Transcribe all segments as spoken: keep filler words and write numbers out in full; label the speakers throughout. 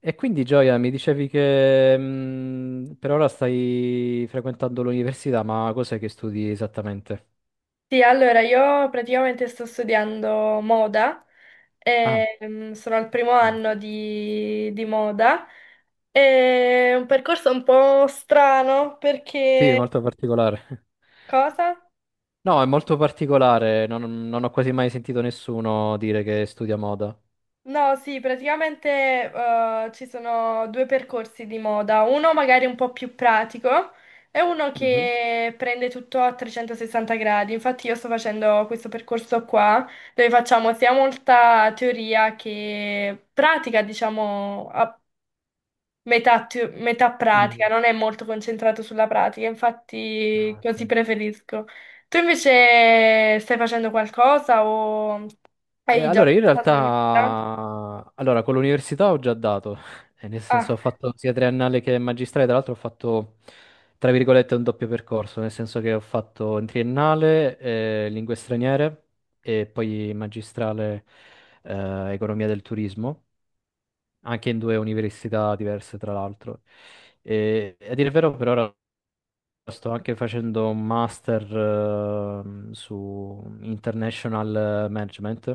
Speaker 1: E quindi Gioia, mi dicevi che mm, per ora stai frequentando l'università, ma cos'è che studi esattamente?
Speaker 2: Sì, allora io praticamente sto studiando moda,
Speaker 1: Ah,
Speaker 2: e, mm, sono al primo
Speaker 1: bello.
Speaker 2: anno di, di moda. È un percorso un po' strano
Speaker 1: Sì, è
Speaker 2: perché...
Speaker 1: molto particolare.
Speaker 2: Cosa?
Speaker 1: No, è molto particolare, non, non ho quasi mai sentito nessuno dire che studia moda.
Speaker 2: No, sì, praticamente eh, ci sono due percorsi di moda, uno magari un po' più pratico e uno
Speaker 1: Mhm.
Speaker 2: che prende tutto a trecentosessanta gradi. Infatti io sto facendo questo percorso qua dove facciamo sia molta teoria che pratica, diciamo, a metà, teo- metà pratica,
Speaker 1: Mhm.
Speaker 2: non è molto concentrato sulla pratica, infatti
Speaker 1: Ah,
Speaker 2: così
Speaker 1: ok.
Speaker 2: preferisco. Tu invece stai facendo qualcosa o
Speaker 1: Eh,
Speaker 2: hai già
Speaker 1: allora, io in
Speaker 2: fatto l'università?
Speaker 1: realtà, allora, con l'università ho già dato. Eh, nel senso ho
Speaker 2: Ah.
Speaker 1: fatto sia triennale che magistrale, tra l'altro ho fatto, tra virgolette, un doppio percorso, nel senso che ho fatto in triennale eh, lingue straniere e poi in magistrale eh, economia del turismo, anche in due università diverse, tra l'altro. E, a dire il vero, per ora sto anche facendo un master ehm, su International Management,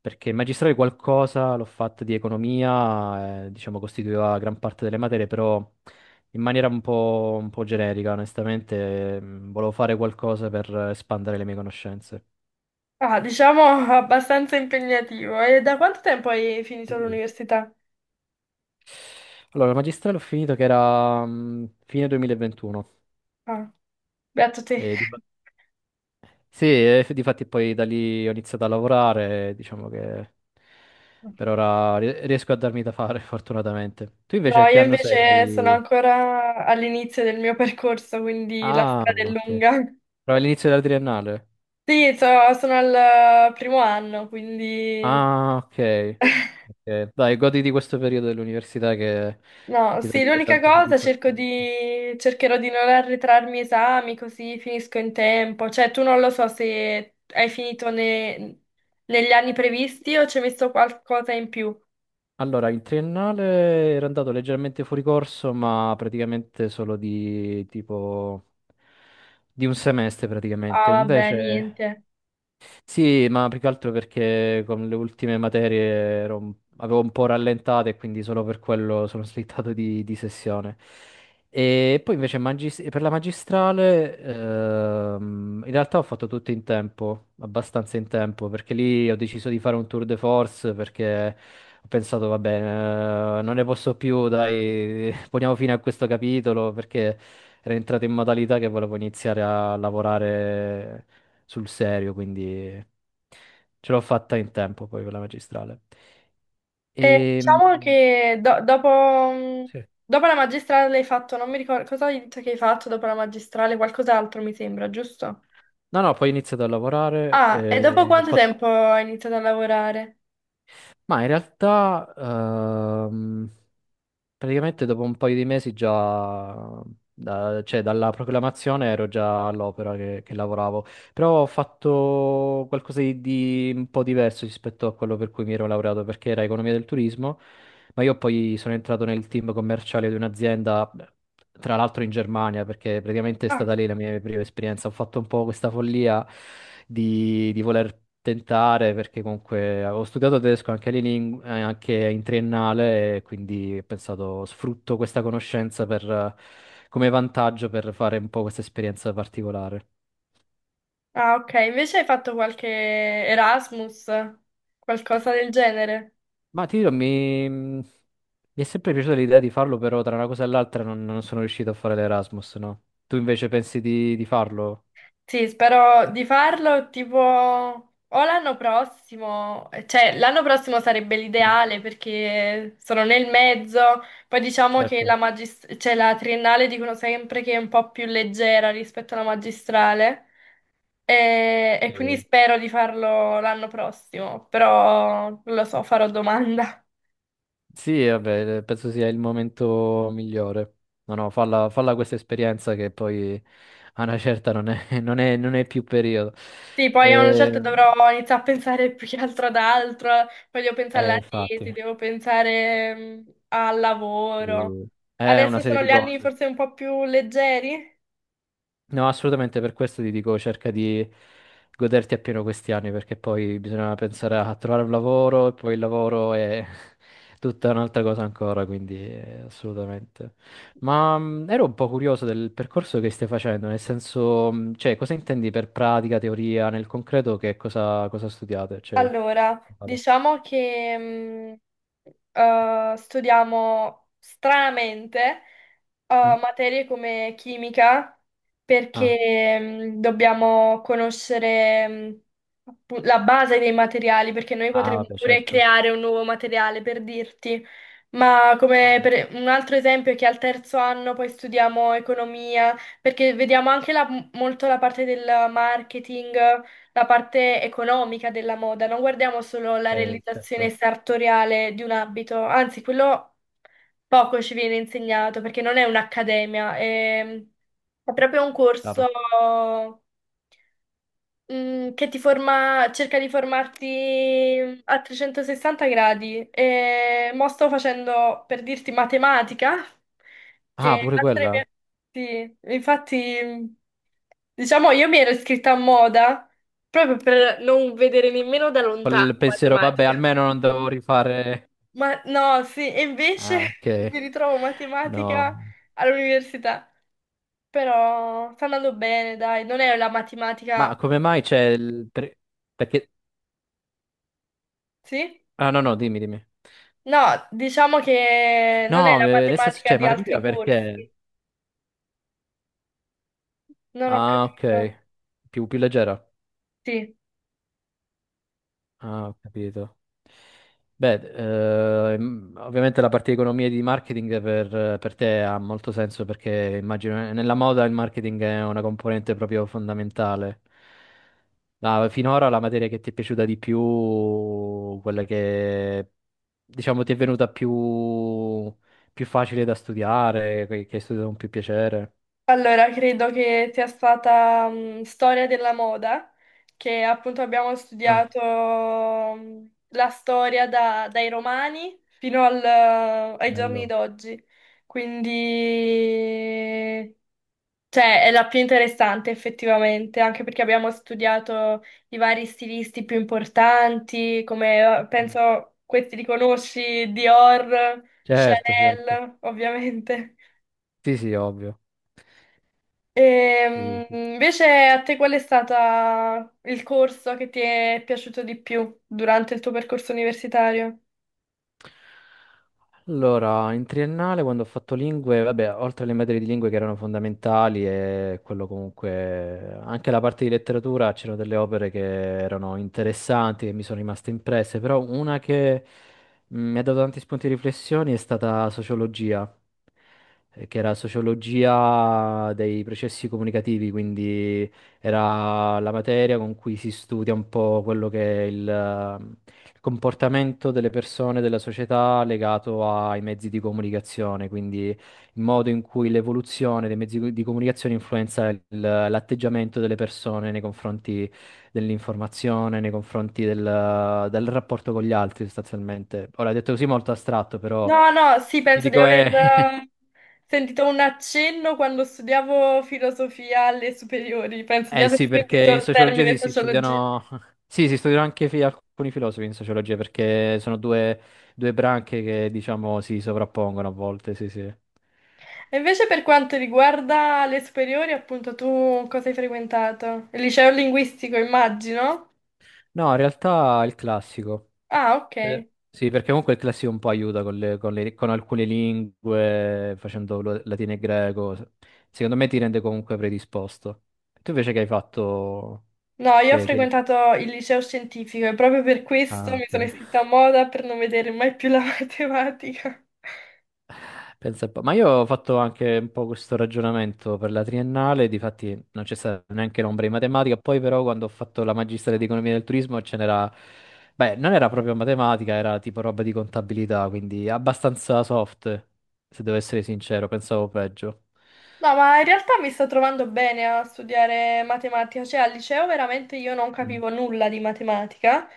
Speaker 1: perché il magistrale qualcosa l'ho fatto di economia, eh, diciamo costituiva gran parte delle materie, però in maniera un po', un po' generica, onestamente, mm, volevo fare qualcosa per espandere le mie conoscenze.
Speaker 2: Ah, diciamo abbastanza impegnativo. E da quanto tempo hai finito
Speaker 1: Sì.
Speaker 2: l'università?
Speaker 1: Allora, il magistrale ho finito che era mm, fine duemilaventuno
Speaker 2: Ah, beato te.
Speaker 1: e di sì, e f- difatti poi da lì ho iniziato a lavorare, diciamo che per ora ri- riesco a darmi da fare, fortunatamente. Tu invece
Speaker 2: No,
Speaker 1: a che
Speaker 2: io
Speaker 1: anno
Speaker 2: invece sono
Speaker 1: sei?
Speaker 2: ancora all'inizio del mio percorso, quindi la
Speaker 1: Ah,
Speaker 2: strada è
Speaker 1: ok.
Speaker 2: lunga.
Speaker 1: Però all'inizio della triennale.
Speaker 2: Sì, so- sono al primo anno, quindi...
Speaker 1: Ah, ok. Ok. Dai, goditi questo periodo dell'università che
Speaker 2: No,
Speaker 1: ti dà
Speaker 2: sì,
Speaker 1: dai
Speaker 2: l'unica
Speaker 1: tante
Speaker 2: cosa cerco
Speaker 1: soddisfazioni.
Speaker 2: di... cercherò di non arretrarmi esami, così finisco in tempo. Cioè, tu non lo so se hai finito ne- negli anni previsti o ci hai messo qualcosa in più.
Speaker 1: Allora, il triennale era andato leggermente fuori corso, ma praticamente solo di tipo di un semestre
Speaker 2: Ah,
Speaker 1: praticamente.
Speaker 2: vabbè,
Speaker 1: Invece
Speaker 2: niente.
Speaker 1: sì, ma più che altro perché con le ultime materie ero un- avevo un po' rallentato e quindi solo per quello sono slittato di, di sessione. E poi invece magis- per la magistrale, ehm, in realtà ho fatto tutto in tempo, abbastanza in tempo, perché lì ho deciso di fare un tour de force perché ho pensato, va bene, eh, non ne posso più, dai, poniamo fine a questo capitolo perché ero entrato in modalità che volevo iniziare a lavorare sul serio, quindi ce l'ho fatta in tempo poi con la magistrale.
Speaker 2: E
Speaker 1: E,
Speaker 2: diciamo
Speaker 1: mm,
Speaker 2: che do- dopo, mm,
Speaker 1: sì,
Speaker 2: dopo la magistrale l'hai fatto, non mi ricordo cosa hai detto che hai fatto dopo la magistrale, qualcos'altro mi sembra, giusto?
Speaker 1: no, no, poi ho iniziato a lavorare,
Speaker 2: Ah, e dopo
Speaker 1: e ho
Speaker 2: quanto
Speaker 1: fatto...
Speaker 2: tempo hai iniziato a lavorare?
Speaker 1: ma in realtà ehm, praticamente dopo un paio di mesi già, da- cioè dalla proclamazione ero già all'opera che che lavoravo. Però ho fatto qualcosa di, di un po' diverso rispetto a quello per cui mi ero laureato, perché era economia del turismo, ma io poi sono entrato nel team commerciale di un'azienda, beh, tra l'altro in Germania, perché praticamente è
Speaker 2: Ah,
Speaker 1: stata lì la mia prima esperienza. Ho fatto un po' questa follia di, di voler tentare, perché comunque avevo studiato tedesco anche, lì ling- eh, anche in triennale, e quindi ho pensato sfrutto questa conoscenza per, eh, come vantaggio per fare un po' questa esperienza particolare.
Speaker 2: ah, ok, invece hai fatto qualche Erasmus, qualcosa del genere?
Speaker 1: Ma ti dirò, mi... mi è sempre piaciuta l'idea di farlo, però tra una cosa e l'altra non, non sono riuscito a fare l'Erasmus, no? Tu invece pensi di, di farlo?
Speaker 2: Sì, spero di farlo tipo o l'anno prossimo, cioè l'anno prossimo sarebbe
Speaker 1: Mm.
Speaker 2: l'ideale perché sono nel mezzo, poi diciamo che la
Speaker 1: Certo.
Speaker 2: magis- cioè, la triennale dicono sempre che è un po' più leggera rispetto alla magistrale e, e quindi
Speaker 1: Eh,
Speaker 2: spero di farlo l'anno prossimo, però non lo so, farò domanda.
Speaker 1: sì, eh, vabbè, penso sia il momento migliore. No, no, falla, falla questa esperienza che poi a una certa non è, non è- non è più periodo.
Speaker 2: Sì, poi a una
Speaker 1: Eh,
Speaker 2: certa dovrò iniziare a pensare più che altro ad altro, poi devo pensare
Speaker 1: eh,
Speaker 2: alla tesi,
Speaker 1: infatti,
Speaker 2: devo pensare mm, al lavoro.
Speaker 1: eh, è una
Speaker 2: Adesso
Speaker 1: serie
Speaker 2: sono
Speaker 1: di
Speaker 2: gli anni
Speaker 1: cose.
Speaker 2: forse un po' più leggeri.
Speaker 1: No, assolutamente per questo ti dico, cerca di goderti appieno questi anni, perché poi bisogna pensare a trovare un lavoro e poi il lavoro è tutta un'altra cosa ancora, quindi eh, assolutamente. Ma mh, ero un po' curioso del percorso che stai facendo, nel senso, mh, cioè, cosa intendi per pratica, teoria, nel concreto che cosa, cosa studiate? Cioè,
Speaker 2: Allora,
Speaker 1: vado.
Speaker 2: diciamo che mh, eh, studiamo stranamente eh,
Speaker 1: Mm?
Speaker 2: materie come chimica
Speaker 1: Ah.
Speaker 2: perché mh, dobbiamo conoscere mh, appu- la base dei materiali, perché noi
Speaker 1: Ah,
Speaker 2: potremmo
Speaker 1: vabbè,
Speaker 2: pure
Speaker 1: certo.
Speaker 2: creare un nuovo materiale per dirti. Ma come
Speaker 1: Mhm.
Speaker 2: per un altro esempio è che al terzo anno poi studiamo economia, perché vediamo anche la- molto la parte del marketing, la parte economica della moda, non guardiamo solo la
Speaker 1: Eh,
Speaker 2: realizzazione
Speaker 1: certo,
Speaker 2: sartoriale di un abito, anzi quello poco ci viene insegnato perché non è un'accademia, è, è proprio un corso,
Speaker 1: chiaro.
Speaker 2: Mm, che ti forma, cerca di formarti a trecentosessanta gradi. E mo sto facendo, per dirti, matematica,
Speaker 1: Ah,
Speaker 2: che
Speaker 1: pure
Speaker 2: altre
Speaker 1: quella.
Speaker 2: mie- sì, infatti, diciamo, io mi ero iscritta a moda proprio per non vedere nemmeno da lontano
Speaker 1: Col pensiero, vabbè,
Speaker 2: matematica.
Speaker 1: almeno non devo rifare...
Speaker 2: Ma no, sì, e invece
Speaker 1: Ah, ok.
Speaker 2: mi ritrovo matematica
Speaker 1: No.
Speaker 2: all'università. Però sta andando bene, dai, non è la
Speaker 1: Ma
Speaker 2: matematica,
Speaker 1: come mai c'è il... per- perché...
Speaker 2: sì?
Speaker 1: Ah, no, no, dimmi, dimmi.
Speaker 2: No, diciamo che non è
Speaker 1: No,
Speaker 2: la
Speaker 1: eh, nel senso
Speaker 2: matematica
Speaker 1: c'è
Speaker 2: di
Speaker 1: matematica
Speaker 2: altri
Speaker 1: perché...
Speaker 2: corsi. Non ho
Speaker 1: Ah,
Speaker 2: capito.
Speaker 1: ok. Più, più leggera.
Speaker 2: Sì.
Speaker 1: Ah, ho capito. Beh, ehm, ovviamente la parte di economia e di marketing per, per te ha molto senso perché immagino eh, nella moda il marketing è una componente proprio fondamentale. Ma finora la materia che ti è piaciuta di più, quella che diciamo ti è venuta più, più facile da studiare, che che hai studiato con più piacere.
Speaker 2: Allora, credo che sia stata mh, storia della moda, che appunto abbiamo
Speaker 1: Ah,
Speaker 2: studiato mh, la storia da- dai romani fino al- ai giorni
Speaker 1: bello.
Speaker 2: d'oggi. Quindi cioè, è la più interessante effettivamente, anche perché abbiamo studiato i vari stilisti più importanti, come eh,
Speaker 1: Mm.
Speaker 2: penso questi li conosci, Dior,
Speaker 1: Certo, certo.
Speaker 2: Chanel, ovviamente.
Speaker 1: Sì, sì, ovvio. Sì,
Speaker 2: Ehm,
Speaker 1: sì.
Speaker 2: invece a te qual è stato il corso che ti è piaciuto di più durante il tuo percorso universitario?
Speaker 1: Allora, in triennale quando ho fatto lingue, vabbè, oltre alle materie di lingue che erano fondamentali e quello comunque, anche la parte di letteratura, c'erano delle opere che erano interessanti, che mi sono rimaste impresse, però una che mh, mi ha dato tanti spunti di riflessione è stata sociologia, eh, che era sociologia dei processi comunicativi, quindi era la materia con cui si studia un po' quello che è il, eh, il comportamento delle persone, della società legato ai mezzi di comunicazione, quindi il modo in cui l'evoluzione dei mezzi di comunicazione influenza il- l'atteggiamento delle persone nei confronti dell'informazione, nei confronti del, del rapporto con gli altri, sostanzialmente. Ora, detto così molto astratto, però
Speaker 2: No, no, sì,
Speaker 1: ti
Speaker 2: penso di
Speaker 1: dico
Speaker 2: aver
Speaker 1: è
Speaker 2: eh, sentito un accenno quando studiavo filosofia alle superiori, penso di
Speaker 1: eh
Speaker 2: aver
Speaker 1: sì, perché
Speaker 2: sentito
Speaker 1: in
Speaker 2: il
Speaker 1: sociologia
Speaker 2: termine
Speaker 1: sì, si
Speaker 2: sociologia.
Speaker 1: studiano, sì, si studiano anche fi- alcuni filosofi in sociologia, perché sono due, due branche che diciamo si sovrappongono a volte, sì, sì.
Speaker 2: E invece per quanto riguarda le superiori, appunto, tu cosa hai frequentato? Il liceo linguistico, immagino?
Speaker 1: No, in realtà è il classico.
Speaker 2: Ah, ok.
Speaker 1: Per- sì, perché comunque il classico un po' aiuta con le- con le- con alcune lingue, facendo lo- latino e greco. Secondo me ti rende comunque predisposto. Tu invece che hai fatto...
Speaker 2: No, io ho
Speaker 1: Che, che... liceo?
Speaker 2: frequentato il liceo scientifico e proprio per questo
Speaker 1: Ah,
Speaker 2: mi sono
Speaker 1: ok.
Speaker 2: iscritta a moda per non vedere mai più la matematica.
Speaker 1: Pensa un po'. Ma io ho fatto anche un po' questo ragionamento per la triennale, difatti non c'è stata neanche l'ombra di matematica, poi però quando ho fatto la magistrale di economia del turismo ce n'era, beh, non era proprio matematica, era tipo roba di contabilità, quindi abbastanza soft, se devo essere sincero, pensavo peggio.
Speaker 2: No, ma in realtà mi sto trovando bene a studiare matematica, cioè al liceo veramente io non
Speaker 1: Mm,
Speaker 2: capivo nulla di matematica,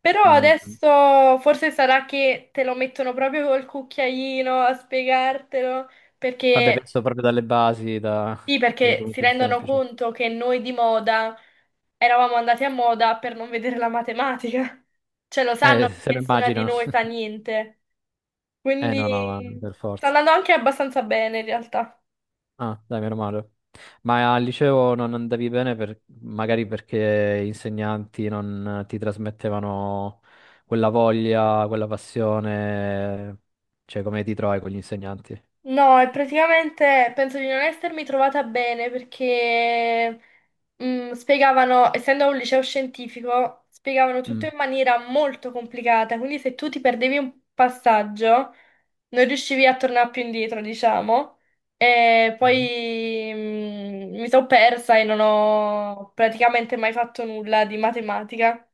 Speaker 2: però
Speaker 1: mm.
Speaker 2: adesso forse sarà che te lo mettono proprio col cucchiaino a spiegartelo,
Speaker 1: Vabbè,
Speaker 2: perché
Speaker 1: penso proprio dalle basi, da...
Speaker 2: sì,
Speaker 1: delle
Speaker 2: perché si
Speaker 1: argomenti
Speaker 2: rendono
Speaker 1: semplici.
Speaker 2: conto che noi di moda eravamo andati a moda per non vedere la matematica, cioè lo sanno
Speaker 1: Eh,
Speaker 2: che
Speaker 1: se lo
Speaker 2: nessuna di
Speaker 1: immagino.
Speaker 2: noi sa niente,
Speaker 1: Eh no, no, ma
Speaker 2: quindi
Speaker 1: per
Speaker 2: sta
Speaker 1: forza.
Speaker 2: andando anche abbastanza bene in realtà.
Speaker 1: Ah, dai, meno male. Ma al liceo non andavi bene per- magari perché gli insegnanti non ti trasmettevano quella voglia, quella passione, cioè come ti trovi con gli insegnanti?
Speaker 2: No, e praticamente penso di non essermi trovata bene perché mm, spiegavano, essendo un liceo scientifico, spiegavano tutto
Speaker 1: Mm.
Speaker 2: in maniera molto complicata, quindi se tu ti perdevi un passaggio non riuscivi a tornare più indietro, diciamo, e poi mm, mi sono persa e non ho praticamente mai fatto nulla di matematica.